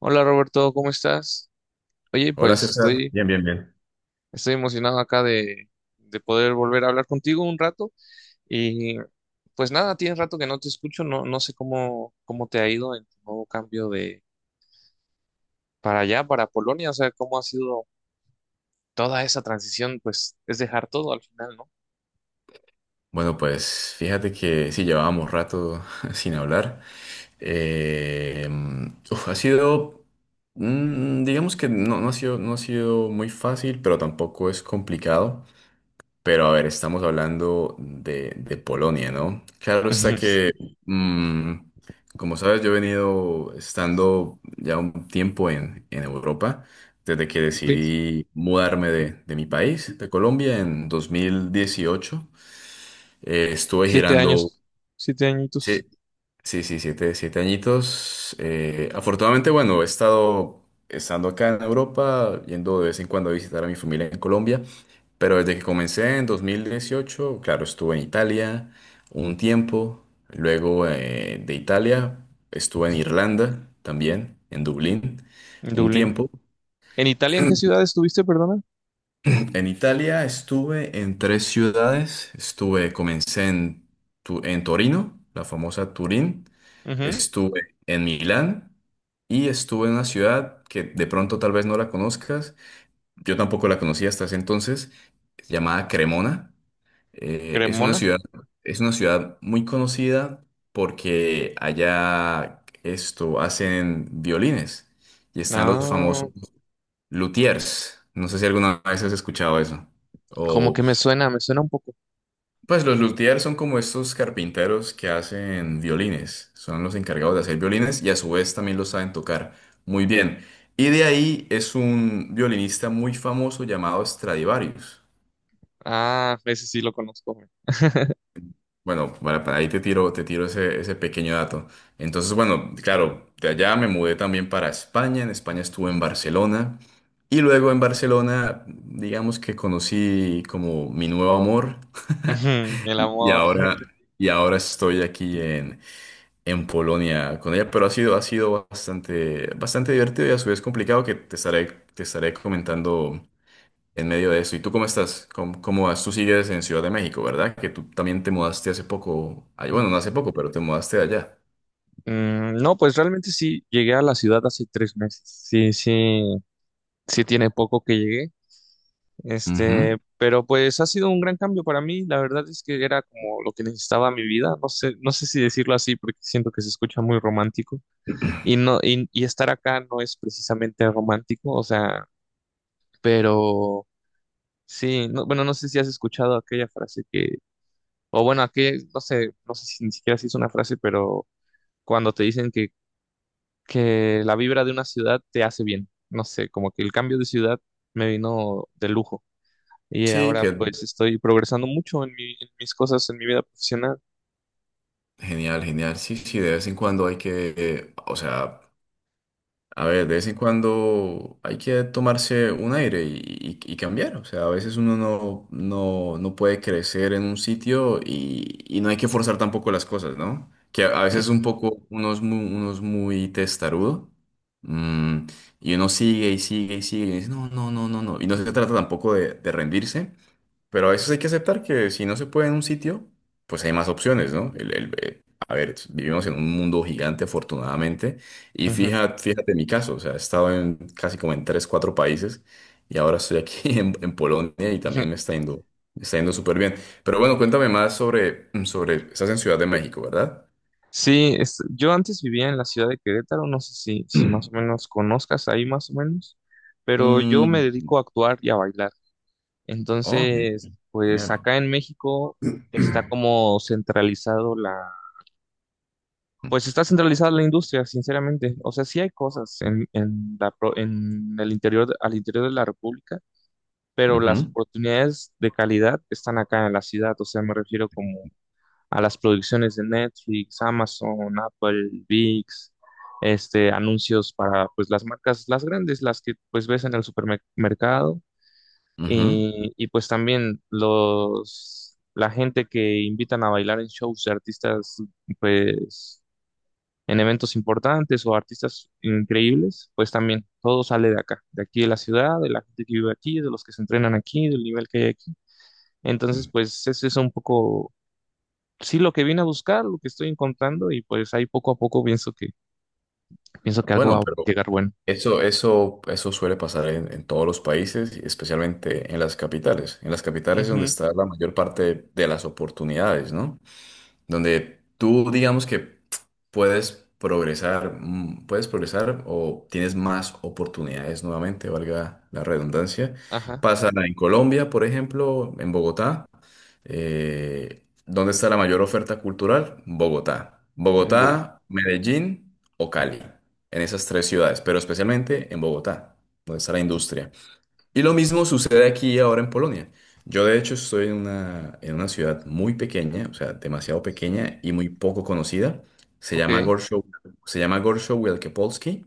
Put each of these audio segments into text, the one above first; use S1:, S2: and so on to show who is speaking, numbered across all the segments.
S1: Hola Roberto, ¿cómo estás? Oye,
S2: Hola
S1: pues
S2: César.
S1: estoy,
S2: Bien, bien, bien.
S1: estoy emocionado acá de poder volver a hablar contigo un rato y pues nada, tienes rato que no te escucho, no, no sé cómo te ha ido en tu nuevo cambio de para allá, para Polonia, o sea, cómo ha sido toda esa transición, pues es dejar todo al final, ¿no?
S2: Bueno, pues fíjate que sí llevábamos rato sin hablar. Eh, Uf, ha sido, digamos que no ha sido muy fácil, pero tampoco es complicado. Pero a ver, estamos hablando de Polonia, ¿no? Claro está
S1: Ujú.
S2: que, mm, como sabes, yo he venido estando ya un tiempo en Europa, desde que
S1: Sí,
S2: decidí mudarme de mi país, de Colombia, en 2018. Estuve
S1: siete
S2: girando,
S1: años, siete
S2: sí.
S1: añitos
S2: Sí, sí, siete añitos. Afortunadamente, bueno, he estado estando acá en Europa, yendo de vez en cuando a visitar a mi familia en Colombia, pero desde que comencé en 2018 claro, estuve en Italia un tiempo, luego de Italia estuve en Irlanda también, en Dublín,
S1: en
S2: un
S1: Dublín.
S2: tiempo.
S1: ¿En Italia en qué ciudad estuviste, perdona?
S2: En Italia estuve en tres ciudades. Comencé en, en Torino, la famosa Turín.
S1: Ujú,
S2: Estuve en Milán y estuve en una ciudad que de pronto tal vez no la conozcas. Yo tampoco la conocía hasta ese entonces, llamada Cremona. Es una
S1: Cremona.
S2: ciudad muy conocida porque allá esto hacen violines y están los
S1: Ah,
S2: famosos luthiers. No sé si alguna vez has escuchado eso.
S1: como
S2: O,
S1: que me suena un poco.
S2: pues los luthiers son como estos carpinteros que hacen violines. Son los encargados de hacer violines y a su vez también los saben tocar muy bien. Y de ahí es un violinista muy famoso llamado Stradivarius.
S1: Ah, ese sí lo conozco, güey.
S2: Bueno, para ahí te tiro ese pequeño dato. Entonces, bueno, claro, de allá me mudé también para España. En España estuve en Barcelona. Y luego en Barcelona, digamos que conocí como mi nuevo amor.
S1: Ujú, el
S2: Y, y
S1: amor.
S2: ahora, y ahora estoy aquí en, Polonia con ella. Pero ha sido bastante, bastante divertido y a su vez complicado que te estaré comentando en medio de eso. ¿Y tú cómo estás? Cómo vas? Tú sigues en Ciudad de México, ¿verdad? Que tú también te mudaste hace poco. Ay, bueno, no hace poco, pero te mudaste de allá.
S1: No, pues realmente sí, llegué a la ciudad hace 3 meses. Sí, sí, sí tiene poco que llegué.
S2: Ujú.
S1: Pero pues ha sido un gran cambio para mí. La verdad es que era como lo que necesitaba mi vida. No sé, no sé si decirlo así porque siento que se escucha muy romántico. Y no, y estar acá no es precisamente romántico, o sea, pero sí, no, bueno, no sé si has escuchado aquella frase que, o bueno, aquella, no sé, no sé si ni siquiera si es una frase, pero cuando te dicen que la vibra de una ciudad te hace bien. No sé, como que el cambio de ciudad me vino de lujo. Y
S2: Sí,
S1: ahora
S2: que
S1: pues estoy progresando mucho en en mis cosas, en mi vida profesional.
S2: genial, genial. Sí, sí, de vez en cuando hay que, o sea, a ver, de vez en cuando hay que tomarse un aire y, y cambiar. O sea, a veces uno no puede crecer en un sitio y, no hay que forzar tampoco las cosas, ¿no? Que a veces un
S1: Ujú,
S2: poco uno es muy testarudo, mm, y uno sigue y sigue y sigue y dice, no, no, no, no, no. Y no se trata tampoco de rendirse, pero a veces hay que aceptar que si no se puede en un sitio, pues hay más opciones, ¿no? A ver, vivimos en un mundo gigante, afortunadamente, y
S1: ujú,
S2: fíjate mi caso, o sea, he estado en casi como en tres, cuatro países y ahora estoy aquí en, Polonia y
S1: ujú.
S2: también me me está yendo súper bien. Pero bueno, cuéntame más sobre, estás en Ciudad de México, ¿verdad?
S1: Sí, yo antes vivía en la ciudad de Querétaro, no sé si, si más o menos conozcas ahí más o menos, pero yo me
S2: Mm,
S1: dedico a actuar y a bailar.
S2: oh,
S1: Entonces,
S2: genial.
S1: pues
S2: Genial.
S1: acá en México está como centralizado. Pues está centralizada la industria, sinceramente. O sea, sí hay cosas en en el interior, al interior de la República, pero las
S2: Ujú,
S1: oportunidades de calidad están acá en la ciudad. O sea, me refiero como a las producciones de Netflix, Amazon, Apple, VIX, anuncios para pues las marcas, las grandes, las que pues ves en el supermercado.
S2: ujú.
S1: Y pues también la gente que invitan a bailar en shows de artistas, pues en eventos importantes o artistas increíbles, pues también todo sale de acá, de aquí de la ciudad, de la gente que vive aquí, de los que se entrenan aquí, del nivel que hay aquí. Entonces, pues eso es un poco, sí, lo que vine a buscar, lo que estoy encontrando y pues ahí poco a poco pienso que algo
S2: Bueno,
S1: va a
S2: pero
S1: llegar bueno.
S2: Eso suele pasar en todos los países, y especialmente en las capitales. En las capitales es donde
S1: Ujú,
S2: está la mayor parte de las oportunidades, ¿no? Donde tú digamos que puedes progresar o tienes más oportunidades nuevamente, valga la redundancia.
S1: ajá,
S2: Pasa en Colombia, por ejemplo, en Bogotá. ¿Dónde está la mayor oferta cultural? Bogotá.
S1: Go-
S2: Bogotá, Medellín o Cali. En esas tres ciudades, pero especialmente en Bogotá, donde está la industria. Y lo mismo sucede aquí ahora en Polonia. Yo de hecho estoy en una ciudad muy pequeña, o sea, demasiado pequeña y muy poco conocida. Se
S1: ok.
S2: llama Gorszow, Se llama Gorszow Wielkopolski.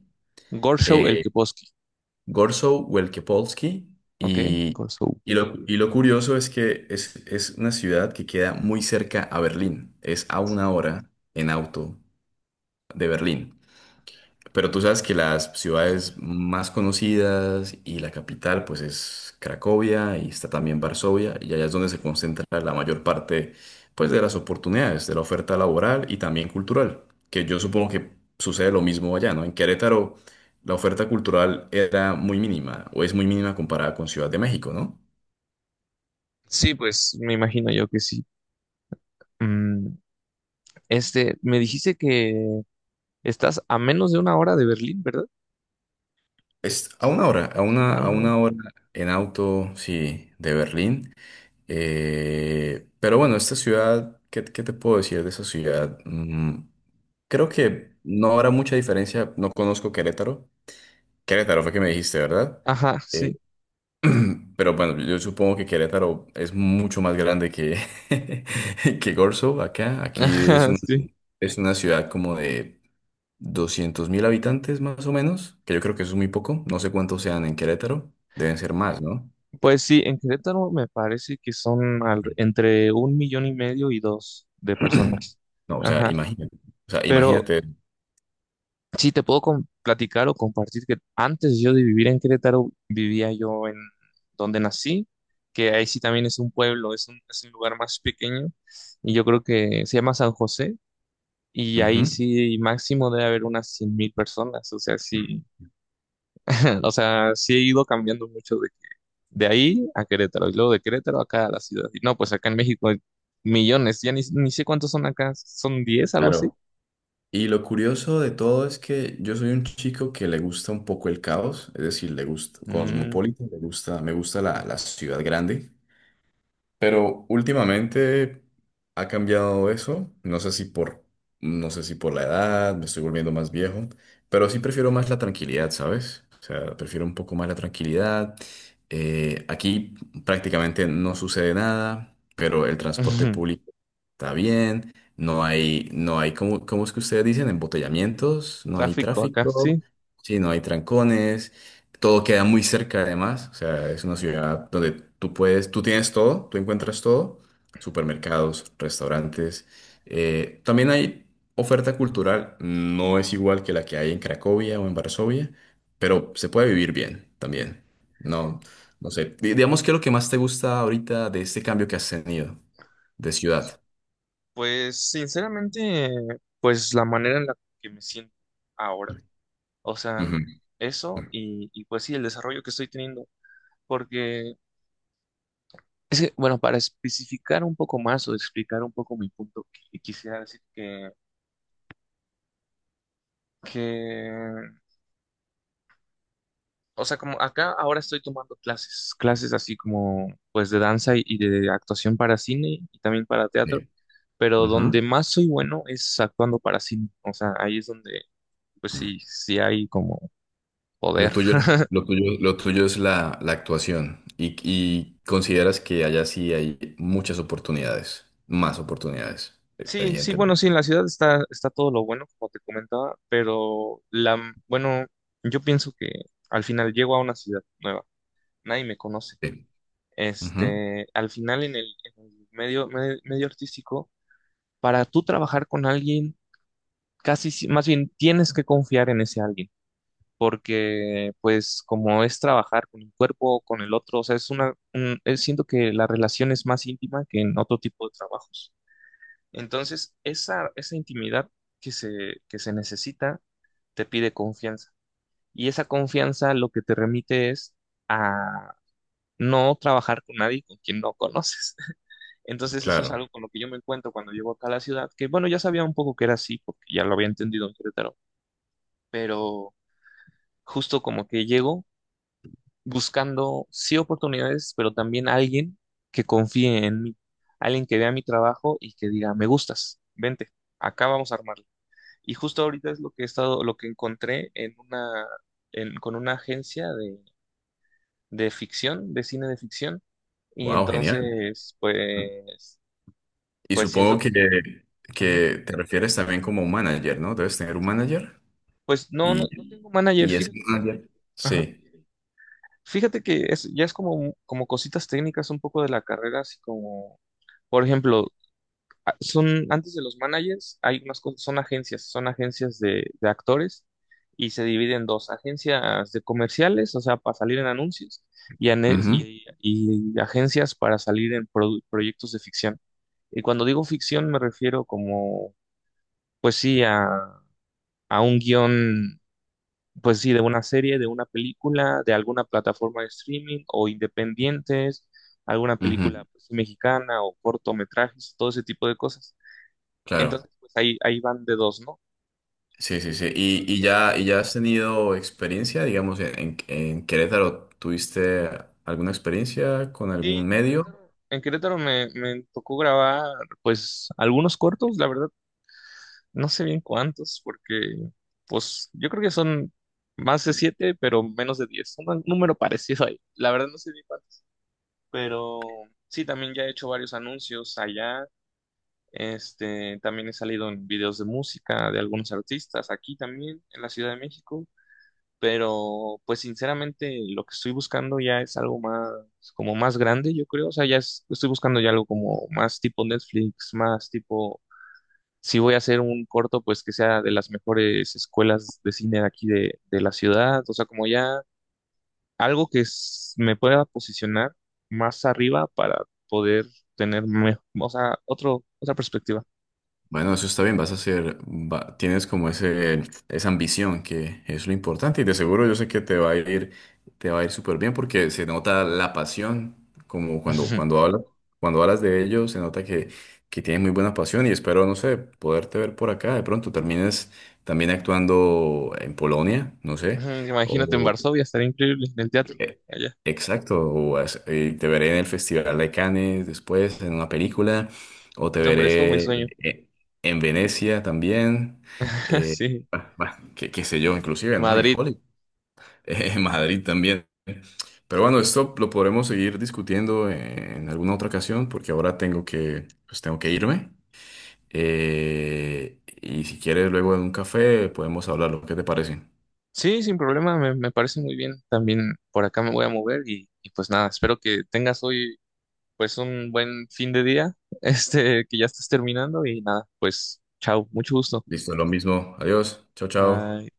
S1: Gorshow el
S2: eh,
S1: Keposki,
S2: Gorszow Wielkopolski.
S1: ok,
S2: Y,
S1: Gorshow.
S2: y lo curioso es que es una ciudad que queda muy cerca a Berlín. Es a una hora en auto de Berlín. Pero tú sabes que las ciudades más conocidas y la capital pues es Cracovia y está también Varsovia y allá es donde se concentra la mayor parte pues de las oportunidades, de la oferta laboral y también cultural, que yo supongo que sucede lo mismo allá, ¿no? En Querétaro la oferta cultural era muy mínima o es muy mínima comparada con Ciudad de México, ¿no?
S1: Sí, pues me imagino yo que sí. Mm, Me dijiste que estás a menos de 1 hora de Berlín, ¿verdad?
S2: Es
S1: A
S2: a
S1: 1 hora.
S2: una hora en auto, sí, de Berlín. Pero bueno, esta ciudad, qué te puedo decir de esa ciudad? Creo que no habrá mucha diferencia. No conozco Querétaro. Querétaro fue que me dijiste, ¿verdad?
S1: Ajá,
S2: Eh,
S1: sí.
S2: pero bueno, yo supongo que Querétaro es mucho más grande que, que Corzo acá.
S1: Ajá, sí.
S2: Es una ciudad como de 200.000 habitantes más o menos, que yo creo que eso es muy poco. No sé cuántos sean en Querétaro. Deben ser más, ¿no?
S1: Pues sí, en Querétaro me parece que son entre 1,5 millones y dos de personas.
S2: No, o sea,
S1: Ajá.
S2: imagínate. O sea,
S1: Pero
S2: imagínate.
S1: sí, te puedo platicar o compartir que antes yo de vivir en Querétaro, vivía yo en donde nací, que ahí sí también es un pueblo, es un lugar más pequeño, y yo creo que se llama San José, y ahí
S2: Ujú.
S1: sí máximo debe haber unas 100 mil personas, o sea, sí, o sea, sí he ido cambiando mucho de ahí a Querétaro, y luego de Querétaro acá a la ciudad. Y no, pues acá en México hay millones, ya ni, ni sé cuántos son acá, son diez algo así.
S2: Claro. Y lo curioso de todo es que yo soy un chico que le gusta un poco el caos, es decir, le gusta
S1: Mm,
S2: cosmopolita, le gusta, me gusta la ciudad grande. Pero últimamente ha cambiado eso, no sé si por la edad, me estoy volviendo más viejo, pero sí prefiero más la tranquilidad, ¿sabes? O sea, prefiero un poco más la tranquilidad. Aquí prácticamente no sucede nada, pero el transporte público está bien, no hay, cómo es que ustedes dicen? Embotellamientos, no hay
S1: Tráfico acá,
S2: tráfico,
S1: sí.
S2: sí, no hay trancones. Todo queda muy cerca además, o sea, es una ciudad donde tú puedes, tú tienes todo, tú encuentras todo, supermercados, restaurantes. También hay oferta cultural, no es igual que la que hay en Cracovia o en Varsovia, pero se puede vivir bien también. No, no sé, digamos que lo que más te gusta ahorita de este cambio que has tenido de ciudad.
S1: Pues sinceramente, pues la manera en la que me siento ahora, o sea,
S2: Ujú.
S1: eso y pues sí, el desarrollo que estoy teniendo, porque es que, bueno, para especificar un poco más o explicar un poco mi punto, quisiera decir que o sea, como acá ahora estoy tomando clases, clases así como pues de danza y de actuación para cine y también para teatro,
S2: Sí.
S1: pero donde más soy bueno es actuando para cine. O sea, ahí es donde pues sí, sí hay como
S2: Lo
S1: poder.
S2: tuyo, lo tuyo es la actuación y, consideras que allá sí hay muchas oportunidades, más oportunidades,
S1: Sí, sí, bueno,
S2: evidentemente.
S1: sí, en la ciudad está, está todo lo bueno, como te comentaba, pero la, bueno, yo pienso que al final llego a una ciudad nueva, nadie me conoce.
S2: Sí. Ujú,
S1: Al final en el medio, medio artístico, para tú trabajar con alguien casi, más bien tienes que confiar en ese alguien, porque pues como es trabajar con un cuerpo, con el otro, o sea, siento que la relación es más íntima que en otro tipo de trabajos. Entonces, esa intimidad que se necesita te pide confianza. Y esa confianza lo que te remite es a no trabajar con nadie con quien no conoces. Entonces eso es
S2: Claro.
S1: algo con lo que yo me encuentro cuando llego acá a la ciudad, que bueno, ya sabía un poco que era así, porque ya lo había entendido en Querétaro, pero justo como que llego buscando sí oportunidades, pero también alguien que confíe en mí, alguien que vea mi trabajo y que diga, me gustas, vente, acá vamos a armarlo. Y justo ahorita es lo que he estado, lo que encontré en una, con una agencia de ficción, de cine de ficción, y
S2: Wow, genial.
S1: entonces, pues,
S2: Y
S1: pues
S2: supongo
S1: siento, ujú.
S2: que te refieres también como un manager, ¿no? Debes tener un manager
S1: Pues no, no,
S2: y,
S1: no tengo manager,
S2: ese
S1: fíjate.
S2: manager.
S1: Ajá.
S2: Sí.
S1: Fíjate que es, ya es como, como cositas técnicas un poco de la carrera, así como por ejemplo, son, antes de los managers, hay unas cosas, son agencias de actores y se dividen en dos, agencias de comerciales, o sea, para salir en anuncios, y,
S2: Ujú,
S1: y agencias para salir en proyectos de ficción. Y cuando digo ficción me refiero como, pues sí, a un guión, pues sí, de una serie, de una película, de alguna plataforma de streaming o independientes, alguna
S2: ujú,
S1: película pues, mexicana o cortometrajes, todo ese tipo de cosas.
S2: Claro.
S1: Entonces, pues ahí, ahí van de dos, ¿no?
S2: Sí, sí,
S1: Y ya,
S2: sí.
S1: pero
S2: ¿Y, y
S1: si
S2: ya,
S1: aparte.
S2: y ya has tenido experiencia, digamos, en, Querétaro? ¿Tuviste alguna experiencia con
S1: Sí,
S2: algún medio?
S1: En Querétaro me, me tocó grabar, pues, algunos cortos, la verdad, no sé bien cuántos, porque, pues, yo creo que son más de 7, pero menos de 10, un número parecido ahí, la verdad no sé bien cuántos, pero sí, también ya he hecho varios anuncios allá, también he salido en videos de música de algunos artistas, aquí también, en la Ciudad de México, pero pues sinceramente lo que estoy buscando ya es algo más, como más grande, yo creo, o sea, ya estoy buscando ya algo como más tipo Netflix, más tipo, si voy a hacer un corto, pues que sea de las mejores escuelas de cine de aquí de la ciudad, o sea, como ya algo que me pueda posicionar más arriba para poder tener, o sea, otro, otra perspectiva.
S2: Bueno, eso está bien, vas a hacer, va- tienes como ese, esa ambición que es lo importante y de seguro yo sé que te va a ir súper bien porque se nota la pasión, como cuando cuando hablas de ello, se nota que tienes muy buena pasión y espero, no sé, poderte ver por acá. De pronto termines también actuando en Polonia, no sé.
S1: Ujú, imagínate en Varsovia, estaría increíble en el teatro.
S2: Eh,
S1: Allá.
S2: Exacto, o te veré en el Festival de Cannes después en una película, o te
S1: No, hombre, esto me
S2: veré
S1: sueño.
S2: eh, en Venecia también,
S1: Sí,
S2: bah, bah, qué sé yo,
S1: en
S2: inclusive, ¿no? En
S1: Madrid.
S2: Hollywood, en Madrid también. Pero bueno, esto lo podremos seguir discutiendo en alguna otra ocasión, porque ahora pues tengo que irme. Y si quieres, luego en un café podemos hablar, ¿qué te parece?
S1: Sí, sin problema, me parece muy bien. También por acá me voy a mover y pues nada, espero que tengas hoy pues un buen fin de día, que ya estés terminando y nada, pues chao, mucho gusto.
S2: Listo, lo mismo. Adiós, chao, chao.
S1: Bye.